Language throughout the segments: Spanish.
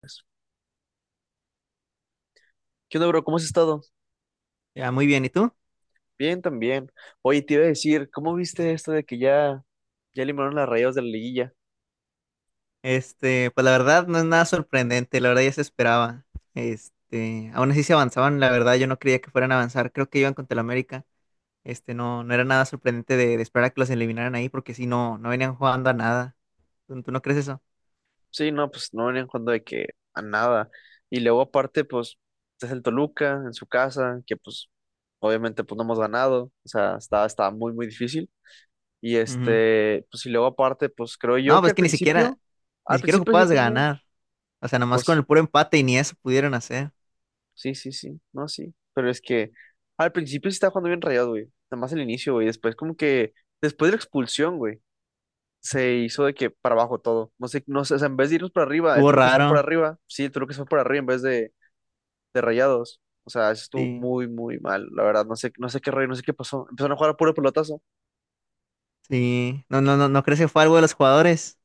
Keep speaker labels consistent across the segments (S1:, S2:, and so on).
S1: Pues, ¿qué onda, bro? ¿Cómo has estado?
S2: Ya, muy bien, ¿y tú?
S1: Bien, también. Oye, te iba a decir, ¿cómo viste esto de que ya eliminaron las Rayadas de la liguilla?
S2: Pues la verdad no es nada sorprendente, la verdad ya se esperaba. Aún así se avanzaban, la verdad yo no creía que fueran a avanzar, creo que iban contra el América. No, no era nada sorprendente de esperar a que los eliminaran ahí, porque si no, no venían jugando a nada. ¿Tú no crees eso?
S1: Sí, no, pues no venían jugando de que a nada. Y luego aparte, pues, es el Toluca en su casa, que pues obviamente pues no hemos ganado. O sea, estaba muy, muy difícil. Y
S2: Ujú.
S1: pues y luego aparte, pues creo
S2: No,
S1: yo que
S2: pues
S1: al
S2: que ni siquiera, ni siquiera
S1: principio sí
S2: ocupabas de
S1: tenía,
S2: ganar. O sea, nomás con
S1: pues
S2: el puro empate y ni eso pudieron hacer.
S1: sí, sí, sí, no, sí. Pero es que al principio sí estaba jugando bien rayado, güey. Nada más el inicio, güey. Después, como que después de la expulsión, güey, se hizo de que para abajo todo. No sé, no sé, o sea, en vez de irnos para arriba, el
S2: Estuvo
S1: Toluca se fue para
S2: raro.
S1: arriba. Sí, el Toluca se fue para arriba en vez de rayados. O sea, eso estuvo
S2: Sí,
S1: muy, muy mal, la verdad. No sé, no sé qué rayo no sé qué pasó. Empezaron a jugar a puro pelotazo.
S2: sí. No, no, no, ¿no crees que fue algo de los jugadores?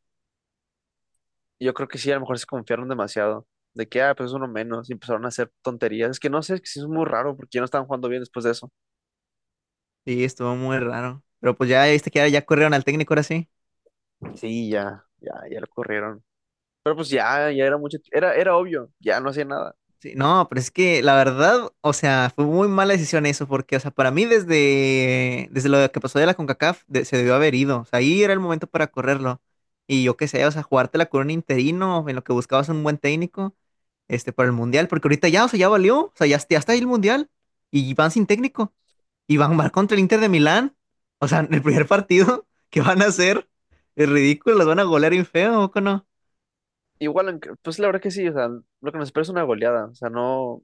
S1: Y yo creo que sí, a lo mejor se confiaron demasiado. De que, ah, pues es uno menos. Y empezaron a hacer tonterías. Es que no sé, es que sí es muy raro porque ya no estaban jugando bien después de eso.
S2: Sí, estuvo muy raro. Pero pues ya viste que ya corrieron al técnico ahora sí.
S1: Sí, ya lo corrieron. Pero pues ya, ya era mucho, era, era obvio, ya no hacía nada.
S2: Sí, no, pero es que la verdad, o sea, fue muy mala decisión eso, porque, o sea, para mí desde, desde lo que pasó de la CONCACAF se debió haber ido, o sea, ahí era el momento para correrlo. Y yo qué sé, o sea, jugártela con un interino en lo que buscabas un buen técnico, para el Mundial, porque ahorita ya, o sea, ya valió, o sea, ya está ahí el Mundial y van sin técnico y van a jugar contra el Inter de Milán, o sea, el primer partido que van a hacer es ridículo, los van a golear bien feo, ¿o no?
S1: Igual, en- pues la verdad que sí, o sea, lo que nos espera es una goleada, o sea, no,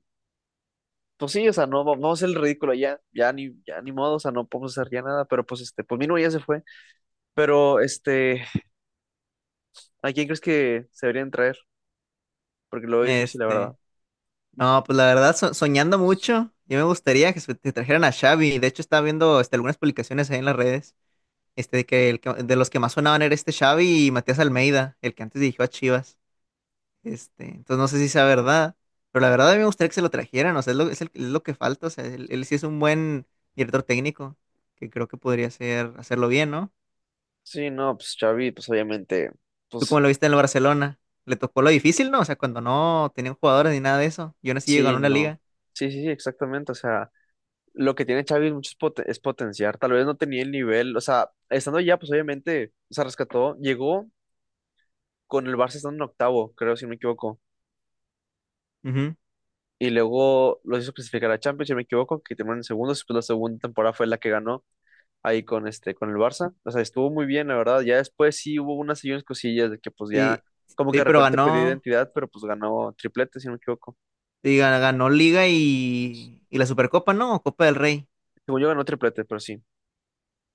S1: pues sí, o sea, no, va- vamos a hacer el ridículo ya, ya ni modo, o sea, no podemos hacer ya nada, pero pues pues Mino ya se fue, pero ¿a quién crees que se deberían traer? Porque lo veo difícil, la verdad.
S2: Este... No, pues la verdad, soñando mucho, yo me gustaría que te trajeran a Xavi. De hecho, estaba viendo algunas publicaciones ahí en las redes, de que, de los que más sonaban era este Xavi y Matías Almeida, el que antes dirigió a Chivas. Entonces no sé si sea verdad, pero la verdad a mí me gustaría que se lo trajeran, o sea, es lo que falta, o sea, él sí es un buen director técnico, que creo que podría hacerlo bien, ¿no?
S1: Sí, no, pues Xavi, pues obviamente,
S2: Tú como
S1: pues
S2: lo viste en el Barcelona, le tocó lo difícil, ¿no? O sea, cuando no tenían jugadores ni nada de eso, y aún así llegó a
S1: sí,
S2: una
S1: no,
S2: liga.
S1: sí, sí, sí, exactamente, o sea, lo que tiene Xavi es mucho es, poten- es potenciar, tal vez no tenía el nivel, o sea, estando ya, pues obviamente, o sea, rescató, llegó con el Barça estando en octavo, creo, si no me equivoco.
S2: Ujú.
S1: Y luego los hizo clasificar a Champions, si no me equivoco, que terminaron en segundos. Después la segunda temporada fue la que ganó ahí con con el Barça. O sea, estuvo muy bien, la verdad. Ya después sí hubo unas y unas cosillas de que pues
S2: Sí,
S1: ya como que
S2: sí,
S1: de
S2: pero
S1: repente perdió
S2: ganó.
S1: identidad, pero pues ganó triplete, si no me equivoco.
S2: Y ganó Liga y la Supercopa, ¿no? O Copa del Rey.
S1: Según yo ganó triplete, pero sí.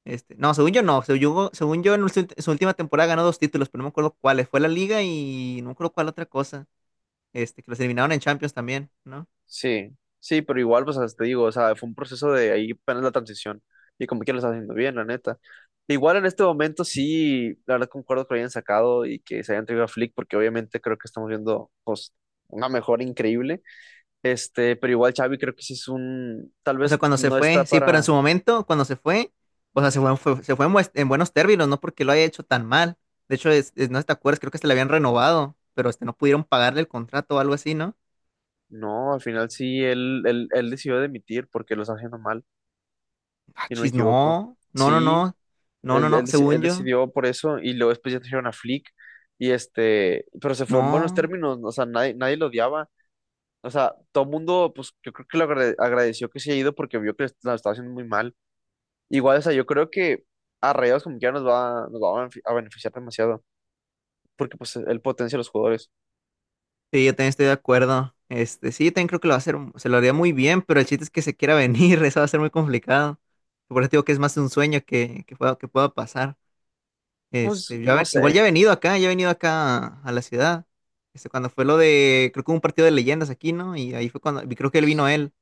S2: No, según yo no. Según yo, en su última temporada ganó dos títulos, pero no me acuerdo cuáles. Fue la Liga y no me acuerdo cuál otra cosa. Que los eliminaron en Champions también, ¿no?
S1: Sí, sí, pero igual, pues hasta te digo, o sea, fue un proceso de ahí apenas la transición y como que lo está haciendo bien, la neta. Igual en este momento sí, la verdad concuerdo que lo hayan sacado y que se hayan traído a Flick, porque obviamente creo que estamos viendo pues, una mejora increíble. Este, pero igual Xavi creo que sí es un, tal
S2: O sea,
S1: vez
S2: cuando se
S1: no
S2: fue,
S1: está
S2: sí, pero en
S1: para,
S2: su momento, cuando se fue, o sea, se fue, se fue en buenos términos, no porque lo haya hecho tan mal. De hecho, no sé si te acuerdas, creo que se le habían renovado, pero no pudieron pagarle el contrato o algo así, ¿no?
S1: no, al final sí, él decidió demitir porque lo está haciendo mal,
S2: Ah,
S1: y no me
S2: chis,
S1: equivoco.
S2: no, no, no,
S1: Sí,
S2: no, no, no,
S1: Él
S2: no,
S1: deci- él
S2: según yo,
S1: decidió por eso y luego después ya trajeron a Flick y pero se fue en buenos
S2: no.
S1: términos, o sea, nadie lo odiaba, o sea, todo el mundo, pues yo creo que lo agrade- agradeció que se haya ido porque vio que lo estaba haciendo muy mal. Igual, o sea, yo creo que a Rayados como que ya nos va a benef- a beneficiar demasiado porque pues él potencia a los jugadores.
S2: Sí, yo también estoy de acuerdo. Sí, yo también creo que lo va a hacer, se lo haría muy bien, pero el chiste es que se quiera venir, eso va a ser muy complicado. Por eso digo que es más un sueño que pueda pasar.
S1: Pues
S2: Este, yo
S1: no
S2: ha- igual ya he
S1: sé,
S2: venido acá, ya he venido acá a la ciudad. Cuando fue lo de, creo que hubo un partido de leyendas aquí, ¿no? Y ahí fue cuando, y creo que él vino él.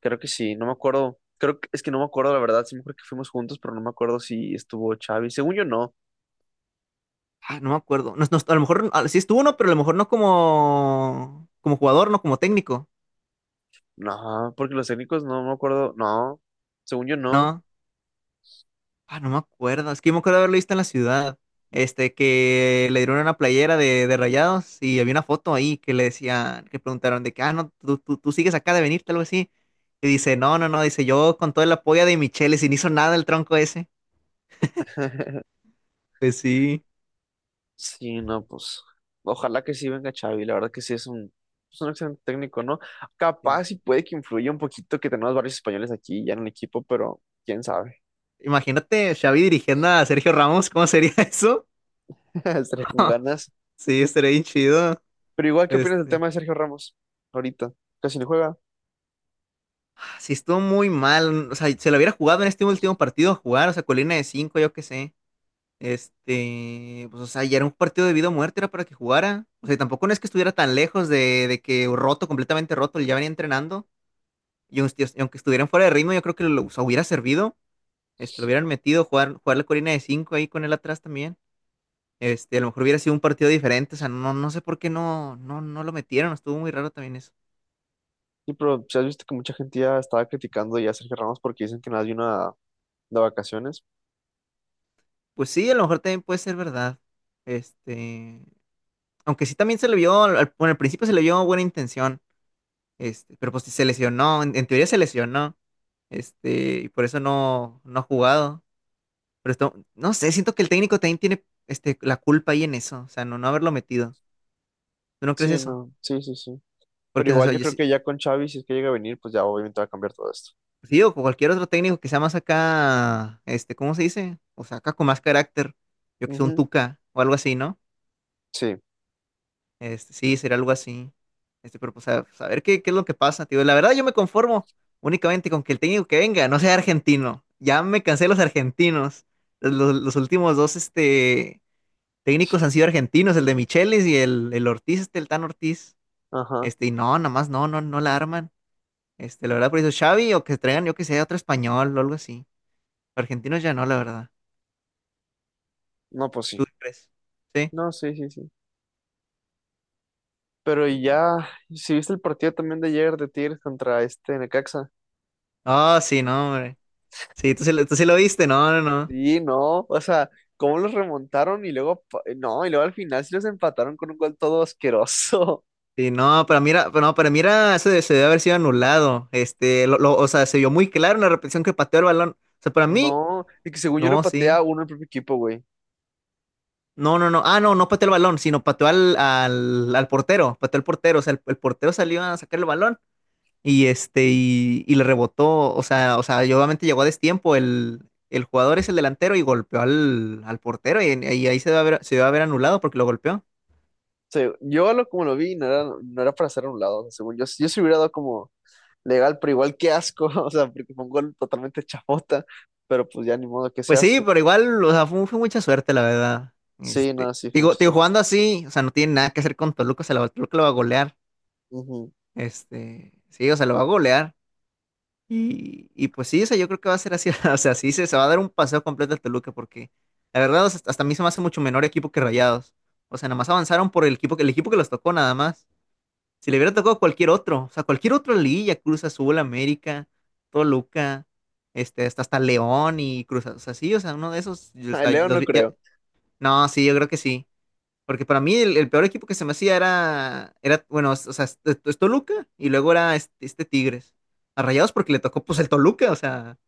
S1: creo que sí, no me acuerdo, creo que es que no me acuerdo la verdad, sí me acuerdo que fuimos juntos, pero no me acuerdo si estuvo Xavi, según yo no,
S2: Ah, no me acuerdo. No, no, a lo mejor sí estuvo, ¿no? Pero a lo mejor no como, como jugador, no como técnico,
S1: no, porque los técnicos no me acuerdo, no, según yo no.
S2: ¿no? Ah, no me acuerdo. Es que yo me acuerdo haberlo visto en la ciudad. Que le dieron una playera de Rayados y había una foto ahí que le decían, que preguntaron de que, no, tú sigues acá de venirte, algo así. Y dice, no, no, no, dice, yo con todo el apoyo de Michele, sin hizo nada el tronco ese. Pues sí.
S1: Sí, no, pues ojalá que sí venga Xavi, la verdad que sí es un excelente técnico, ¿no?
S2: Sí.
S1: Capaz y puede que influya un poquito que tenemos varios españoles aquí ya en el equipo, pero quién sabe,
S2: Imagínate Xavi dirigiendo a Sergio Ramos, ¿cómo sería eso?
S1: estaré con ganas.
S2: Sí, estaría bien chido.
S1: Pero igual, ¿qué opinas del
S2: Este.
S1: tema de Sergio Ramos ahorita? Casi no juega.
S2: Ah, sí, estuvo muy mal. O sea, se lo hubiera jugado en este último partido a jugar, o sea, colina de cinco, yo qué sé. Pues, o sea, ya era un partido de vida o muerte, era para que jugara. O sea, y tampoco no es que estuviera tan lejos de que roto, completamente roto, él ya venía entrenando. Y aunque estuvieran fuera de ritmo, yo creo que lo, o sea, hubiera servido. Lo hubieran metido, jugar la corina de 5 ahí con él atrás también. A lo mejor hubiera sido un partido diferente. O sea, no, no sé por qué no, no, no lo metieron. Estuvo muy raro también eso.
S1: Sí, pero si has visto que mucha gente ya estaba criticando ya a Sergio Ramos porque dicen que nada de una de vacaciones.
S2: Pues sí, a lo mejor también puede ser verdad. Este, aunque sí también se le vio, bueno, al principio se le vio buena intención. Pero pues se lesionó, en teoría se lesionó. Y por eso no, no ha jugado. Pero no sé, siento que el técnico también tiene la culpa ahí en eso. O sea, no, no haberlo metido. ¿Tú no crees
S1: Sí,
S2: eso?
S1: no, sí, sí, sí. Pero
S2: Porque, o
S1: igual
S2: sea,
S1: yo
S2: yo
S1: creo
S2: sí,
S1: que ya con Xavi, si es que llega a venir, pues ya obviamente va a cambiar todo esto.
S2: sí, o cualquier otro técnico que sea más acá, ¿cómo se dice? O sea, acá con más carácter. Yo que sé, un
S1: Ujú,
S2: Tuca o algo así, ¿no?
S1: sí,
S2: Sí, sería algo así. Pero pues a, saber qué es lo que pasa, tío. La verdad, yo me conformo únicamente con que el técnico que venga no sea argentino. Ya me cansé de los argentinos. Los últimos dos, este. Técnicos han sido argentinos, el de Michelis y el Ortiz, el Tan Ortiz.
S1: ajá.
S2: Y no, nada más no, no, no la arman. La verdad, por eso Xavi o que traigan, yo que sé, otro español o algo así. Argentinos ya no, la verdad.
S1: No, pues
S2: ¿Tú
S1: sí.
S2: qué crees? Sí.
S1: No, sí, sí, sí. Pero
S2: Sí.
S1: ya, si viste el partido también de ayer de Tigres contra Necaxa.
S2: Ah, sí, no, hombre. Sí, tú sí lo viste, no, no, no.
S1: Y no, o sea, cómo los remontaron y luego, pa- no, y luego al final sí los empataron con un gol todo asqueroso.
S2: Sí, no, para mí era, pero no, para mí era, se debe haber sido anulado. O sea, se vio muy claro en la repetición que pateó el balón. O sea, para mí,
S1: No, y que según yo lo
S2: no,
S1: patea
S2: sí.
S1: uno el propio equipo, güey. O
S2: No, no, no. Ah, no, no pateó el balón, sino pateó al portero. Pateó al portero. O sea, el portero salió a sacar el balón y le rebotó. O sea, y obviamente llegó a destiempo. El jugador es el delantero y golpeó al portero. Y ahí se va a ver, anulado porque lo golpeó.
S1: sea, yo lo, como lo vi, no era para hacer a un lado. O sea, según yo, yo se hubiera dado como legal, pero igual qué asco. O sea, porque fue un gol totalmente chafota. Pero pues ya ni modo que se
S2: Pues sí,
S1: hace.
S2: pero igual, o sea, fue mucha suerte, la verdad.
S1: Sí, nada,
S2: Este,
S1: sí, fue
S2: digo,
S1: mucha
S2: digo,
S1: suerte.
S2: jugando así, o sea, no tiene nada que hacer con Toluca, Toluca lo va a golear.
S1: Ujú.
S2: Sí, o sea, lo va a golear. Y pues sí, o sea, yo creo que va a ser así. O sea, sí, se va a dar un paseo completo al Toluca porque la verdad, o sea, hasta a mí se me hace mucho menor equipo que Rayados. O sea, nada más avanzaron por el equipo que los tocó, nada más. Si le hubiera tocado cualquier otro, o sea, cualquier otro Lilla, Cruz Azul, América, Toluca, hasta León y Cruz Azul. O sea, sí, o sea, uno de esos. Y, o
S1: A
S2: sea,
S1: Leo no creo.
S2: no, sí, yo creo que sí. Porque para mí el peor equipo que se me hacía era bueno, o sea, es Toluca y luego era este Tigres. A Rayados porque le tocó pues el Toluca, o sea,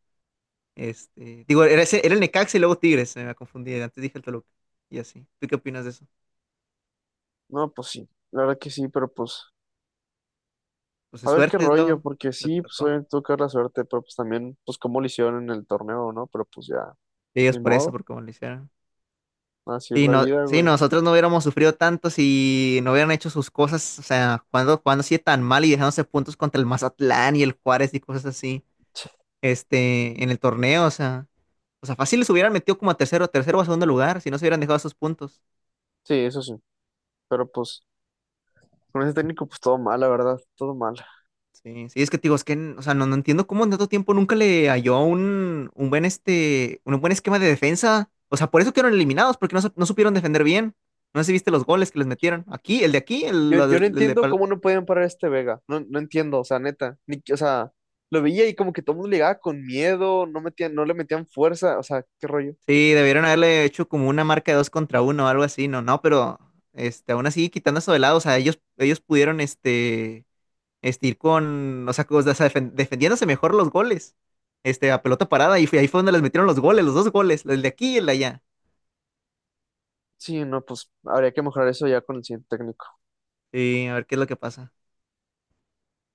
S2: digo, era el Necaxa y luego Tigres, se me confundí, antes dije el Toluca y así. ¿Tú qué opinas de eso?
S1: No, pues sí, la verdad que sí, pero pues.
S2: Pues de
S1: A ver qué
S2: suerte es
S1: rollo,
S2: lo,
S1: porque
S2: lo que
S1: sí, pues
S2: tocó.
S1: obviamente tuvo que haber la suerte, pero pues también, pues cómo lo hicieron en el torneo, ¿no? Pero pues ya,
S2: Y ellos
S1: ni
S2: por eso,
S1: modo,
S2: por cómo lo hicieron.
S1: así es
S2: Sí,
S1: la
S2: no,
S1: vida,
S2: sí,
S1: güey.
S2: nosotros no hubiéramos sufrido tanto si no hubieran hecho sus cosas, o sea, cuando, cuando sí tan mal y dejándose puntos contra el Mazatlán y el Juárez y cosas así, en el torneo, o sea. O sea, fácil les hubieran metido como a tercero o a segundo lugar, si no se hubieran dejado esos puntos.
S1: Sí, eso sí, pero pues con ese técnico, pues todo mal, la verdad, todo mal.
S2: Sí, sí, es que te digo, o sea, no, no entiendo cómo en tanto tiempo nunca le halló un buen esquema de defensa. O sea, por eso quedaron eliminados, porque no, no supieron defender bien. No sé si viste los goles que les metieron. Aquí, el de aquí,
S1: Yo, yo no
S2: el de
S1: entiendo
S2: Pal-
S1: cómo no pueden parar a este Vega, no, no entiendo, o sea, neta, ni, que- o sea, lo veía y como que todo el mundo le llegaba con miedo, no metían, no le metían fuerza, o sea, qué rollo.
S2: Sí, debieron haberle hecho como una marca de dos contra uno o algo así, no, no, pero aún así, quitando eso de lado, o sea, ellos pudieron, ir con, o sea, defendiéndose mejor los goles, a pelota parada, y ahí fue donde les metieron los goles, los dos goles, el de aquí y el de allá.
S1: Sí, no, pues habría que mejorar eso ya con el siguiente técnico.
S2: Sí, a ver qué es lo que pasa.